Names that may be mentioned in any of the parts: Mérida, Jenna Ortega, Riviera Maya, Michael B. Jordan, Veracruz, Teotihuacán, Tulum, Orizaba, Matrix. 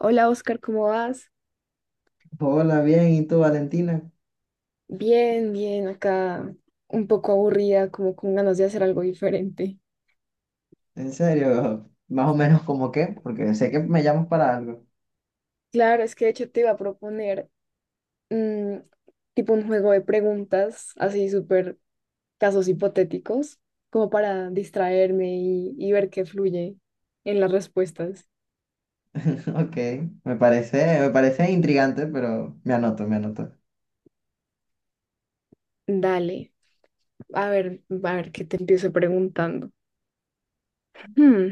Hola Oscar, ¿cómo vas? Hola, bien, ¿y tú, Valentina? Bien, bien, acá un poco aburrida, como con ganas de hacer algo diferente. En serio, más o menos como qué, porque sé que me llamas para algo. Claro, es que de hecho te iba a proponer mm, tipo un juego de preguntas, así súper casos hipotéticos, como para distraerme y ver qué fluye en las respuestas. Ok, me parece intrigante, pero me anoto. Dale, a ver qué te empiezo preguntando. Hmm,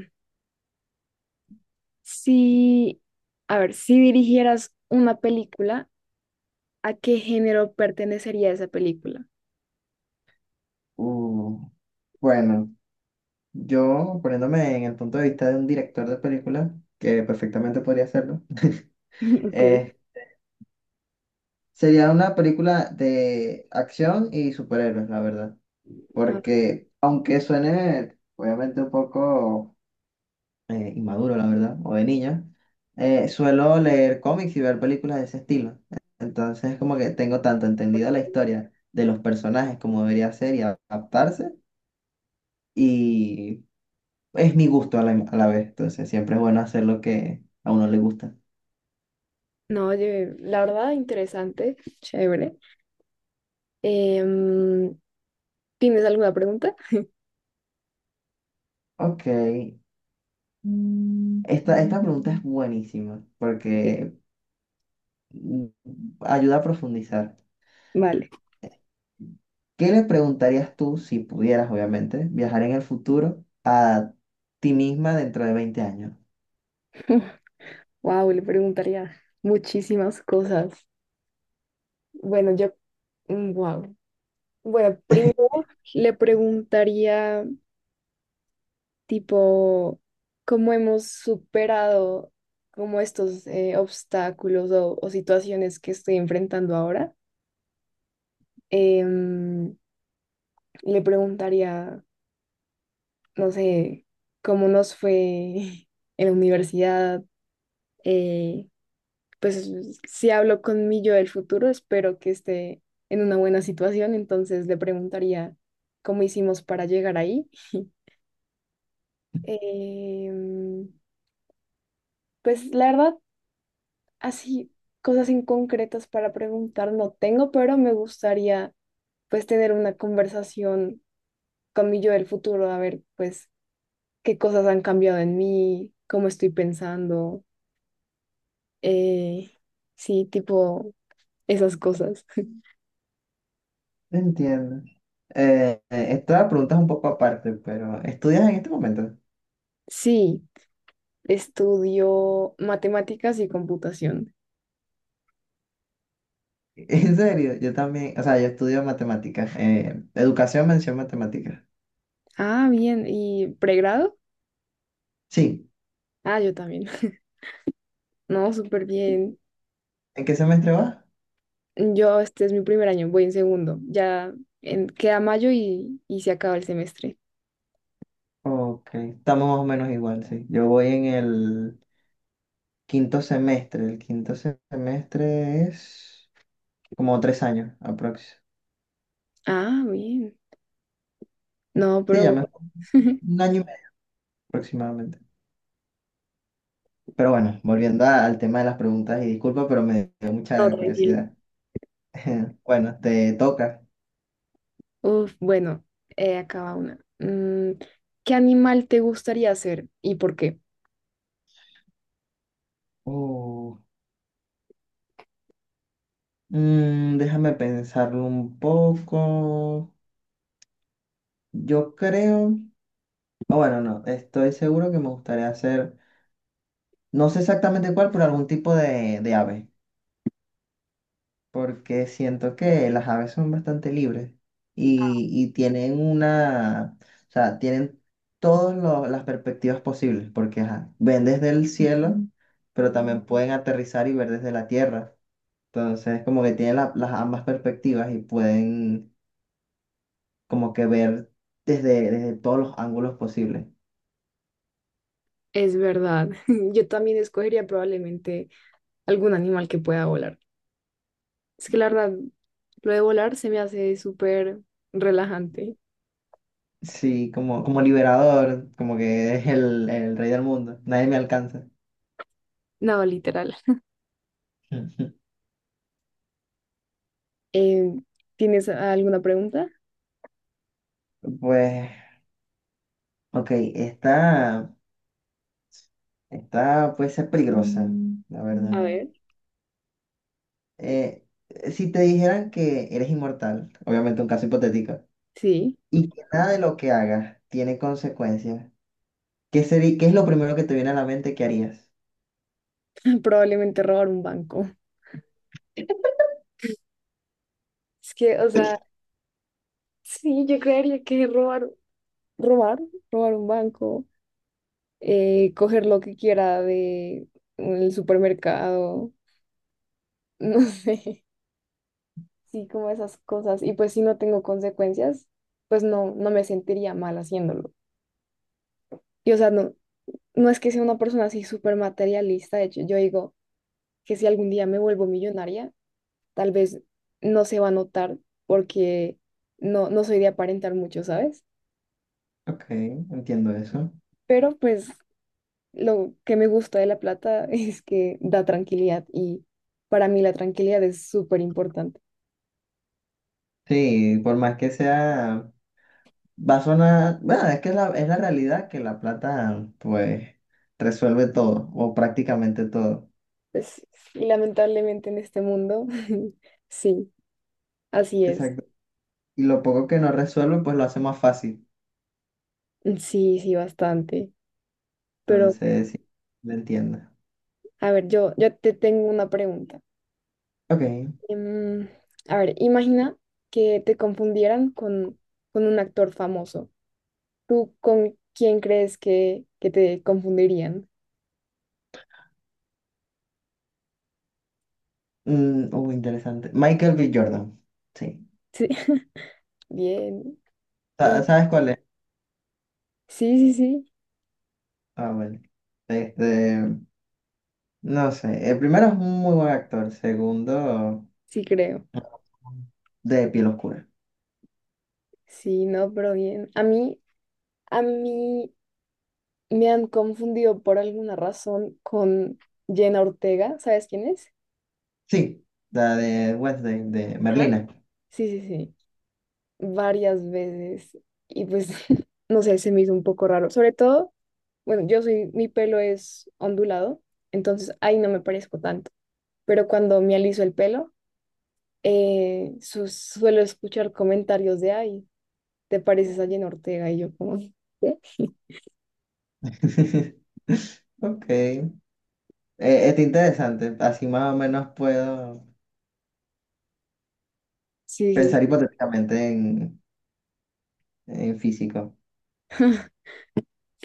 si, a ver, si dirigieras una película, ¿a qué género pertenecería esa película? Uh, bueno, yo poniéndome en el punto de vista de un director de película, que perfectamente podría hacerlo, Ok. eh, sería una película de acción y superhéroes, la verdad, Ah, porque aunque suene obviamente un poco inmaduro, la verdad, o de niño, suelo leer cómics y ver películas de ese estilo. Entonces, como que tengo tanto entendida la historia de los personajes como debería ser y adaptarse, y es mi gusto a la vez. Entonces, siempre es bueno hacer lo que a uno le gusta. no, oye, la verdad, interesante, chévere. Em, ¿Tienes alguna pregunta? Ok. Esta pregunta es buenísima Sí. porque mm, ayuda a profundizar. Vale. ¿Qué le preguntarías tú, si pudieras, obviamente, viajar en el futuro a ti misma dentro de 20 años? Wow, le preguntaría muchísimas cosas. Bueno, yo, wow. Bueno, primero le preguntaría, tipo, cómo hemos superado como estos obstáculos o situaciones que estoy enfrentando ahora. Em, le preguntaría no sé, cómo nos fue en la universidad. eh, pues si hablo con mi yo del futuro, espero que esté en una buena situación, entonces le preguntaría cómo hicimos para llegar ahí. Em, pues la verdad, así cosas en concretas para preguntar no tengo, pero me gustaría pues tener una conversación con mi yo del futuro, a ver pues qué cosas han cambiado en mí, cómo estoy pensando eh, sí, tipo esas cosas. Entiendo. Esta pregunta es un poco aparte, pero ¿estudias en este momento? Sí, estudio matemáticas y computación. En serio, yo también, o sea, yo estudio matemáticas, educación, mención matemáticas. Ah, bien, ¿y pregrado? Sí, Ah, yo también. No, súper bien. ¿en qué semestre vas? Yo, este es mi primer año, voy en segundo. Ya queda mayo y se acaba el semestre. Ok, estamos más o menos igual, sí. Yo voy en el quinto semestre es como 3 años aproximadamente. Ah, bien. No, Sí, ya pero... me un año y medio aproximadamente. Pero bueno, volviendo al tema de las preguntas, y disculpa, pero me dio No, mucha tranquilo. curiosidad. Bueno, te toca. Uf, bueno, acaba una. ¿Qué animal te gustaría ser y por qué? Uh, déjame pensarlo un poco. Yo creo, o bueno, no, estoy seguro que me gustaría hacer, no sé exactamente cuál, pero algún tipo de ave. Porque siento que las aves son bastante libres y tienen una, o sea, tienen todas las perspectivas posibles, porque ajá, ven desde el cielo, pero también pueden aterrizar y ver desde la tierra. Entonces, como que tienen las ambas perspectivas y pueden como que ver desde todos los ángulos posibles. Es verdad. Yo también escogería probablemente algún animal que pueda volar. Es que la verdad, lo de volar se me hace súper relajante. Sí, como liberador, como que es el rey del mundo, nadie me alcanza. No, literal. Eh, ¿Tienes alguna pregunta? Pues, ok, esta... Está, puede ser peligrosa, la A verdad. ver. Eh, si te dijeran que eres inmortal, obviamente un caso hipotético, Sí, y que nada de lo que hagas tiene consecuencias, ¿qué sería, qué es lo primero que te viene a la mente que harías? probablemente robar un banco. Es que, o sea, sí, yo creería que robar, robar un banco, coger lo que quiera de el supermercado, no sé, sí, como esas cosas. Y pues si no tengo consecuencias, pues no me sentiría mal haciéndolo. Y o sea, no, no es que sea una persona así súper materialista, de hecho, yo digo que si algún día me vuelvo millonaria, tal vez no se va a notar porque no soy de aparentar mucho, ¿sabes? Ok, entiendo eso. Pero pues lo que me gusta de la plata es que da tranquilidad y para mí la tranquilidad es súper importante. Sí, por más que sea, va a sonar, bueno, es que es la realidad que la plata, pues, resuelve todo, o prácticamente todo. Pues y lamentablemente en este mundo, sí, así es. Exacto. Y lo poco que no resuelve, pues lo hace más fácil. Sí, sí, bastante. Pero bueno, Entonces, sí, lo entiendo. a ver, yo te tengo una pregunta. Ok. Em, a ver, imagina que te confundieran con un actor famoso. ¿Tú con quién crees que te confundirían? Interesante. Michael B. Jordan. Sí. Sí, bien. Y ¿Sabes cuál es? sí, sí, sí, Ah, bueno. Este, no sé. El primero es un muy buen actor. Segundo, sí creo. de piel oscura. Sí, no, pero bien. A mí me han confundido por alguna razón con Jenna Ortega. ¿Sabes quién es? Sí, la de Wednesday, de Ajá. Merlina. Sí, sí, sí. Varias veces. Y pues, no sé, se me hizo un poco raro. Sobre todo. Bueno, yo soy, mi pelo es ondulado, entonces ahí no me parezco tanto. Pero cuando me aliso el pelo, suelo escuchar comentarios de, ay, ¿te pareces a Jenna Ortega? Y yo como, sí, Ok. Está interesante. Así más o menos puedo sí, pensar hipotéticamente en físico.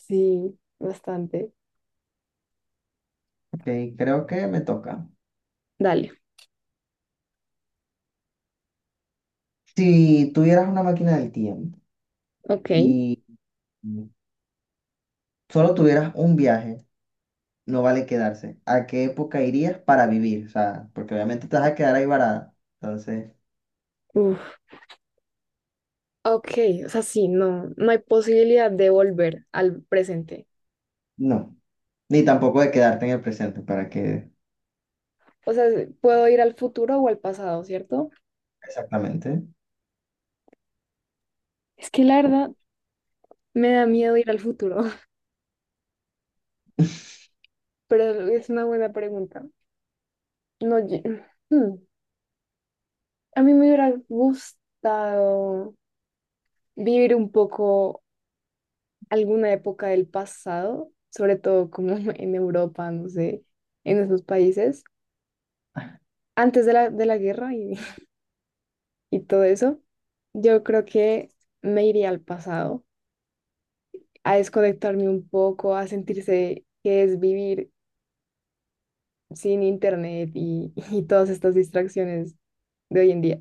sí, bastante. Ok, creo que me toca. Dale, Si tuvieras una máquina del tiempo ok. y solo tuvieras un viaje, no vale quedarse. ¿A qué época irías para vivir? O sea, porque obviamente te vas a quedar ahí varada. Entonces, Uf, ok, o sea, sí, no, no hay posibilidad de volver al presente. no. Ni tampoco de quedarte en el presente, para que... O sea, puedo ir al futuro o al pasado, ¿cierto? Exactamente. Es que la verdad me da miedo ir al futuro, pero es una buena pregunta. No, ye- Hmm. A mí me hubiera gustado vivir un poco alguna época del pasado, sobre todo como en Europa, no sé, en esos países, antes de de la guerra y, y todo eso. Yo creo que me iría al pasado, a desconectarme un poco, a sentirse que es vivir sin internet y todas estas distracciones de hoy en día.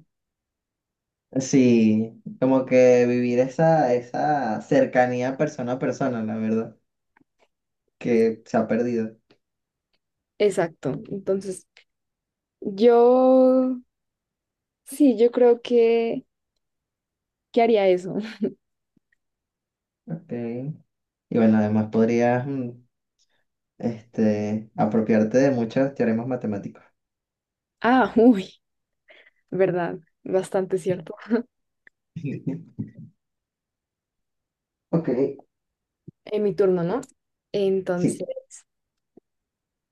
Sí, como que vivir esa cercanía persona a persona, la verdad, que se ha perdido. Exacto. Entonces, yo, sí, yo creo que haría eso. Ok. Y bueno, además podrías apropiarte de muchos teoremas matemáticos. Ah, uy, verdad, bastante cierto. Ok, ¿En mi turno, no? Entonces, sí.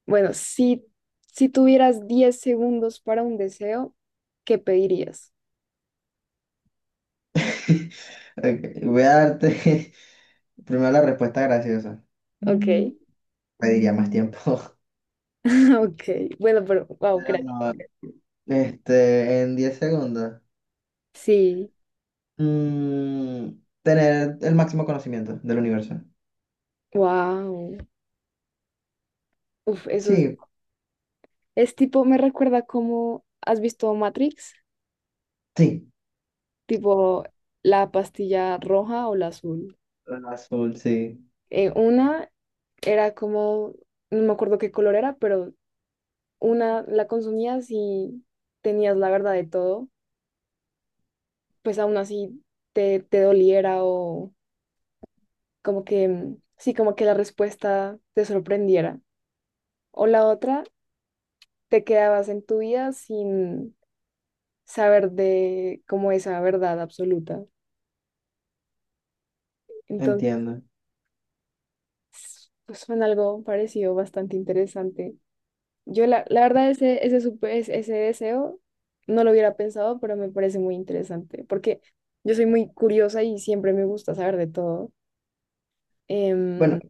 bueno, si, si tuvieras 10 segundos para un deseo, ¿qué pedirías? Ok, voy a darte primero la respuesta graciosa. Ok, Mm, Pediría más tiempo. ok. Bueno, pero, wow, Pero crack. no. Este, en 10 segundos. Sí, Mm, tener el máximo conocimiento del universo. wow. Uf, eso Sí, es tipo, me recuerda como, ¿has visto Matrix? sí. Tipo, la pastilla roja o la azul. El azul, sí. Una era como, no me acuerdo qué color era, pero una la consumías y tenías la verdad de todo, pues aún así te, te doliera o como que, sí, como que la respuesta te sorprendiera. O la otra, te quedabas en tu vida sin saber de cómo esa verdad absoluta. Entonces, Entiendo. pues fue algo parecido bastante interesante. Yo la, la verdad ese, ese, supe- ese ese deseo no lo hubiera pensado, pero me parece muy interesante porque yo soy muy curiosa y siempre me gusta saber de todo. Bueno, Em,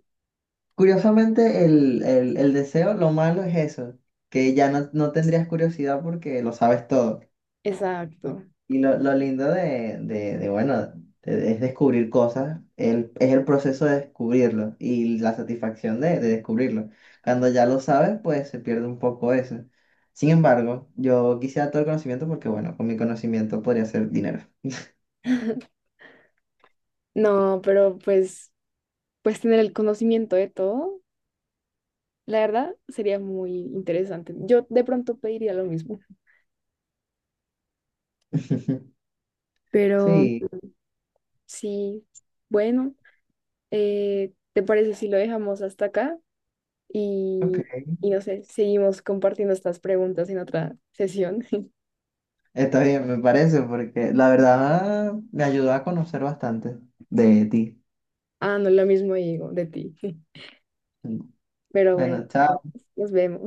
curiosamente el deseo, lo malo es eso, que ya no, no tendrías curiosidad porque lo sabes todo. exacto. Y lo lindo bueno, es descubrir cosas, el, es el proceso de descubrirlo y la satisfacción de descubrirlo. Cuando ya lo sabes, pues se pierde un poco eso. Sin embargo, yo quisiera todo el conocimiento porque, bueno, con mi conocimiento podría hacer dinero. No, pero pues, pues tener el conocimiento de todo, la verdad, sería muy interesante. Yo de pronto pediría lo mismo, pero Sí, sí, bueno, ¿te parece si lo dejamos hasta acá? Y, ok. y no sé, seguimos compartiendo estas preguntas en otra sesión. Está bien, me parece, porque la verdad me ayudó a conocer bastante de ti. Ah, no, lo mismo digo de ti, pero bueno, Bueno, chao. nos vemos.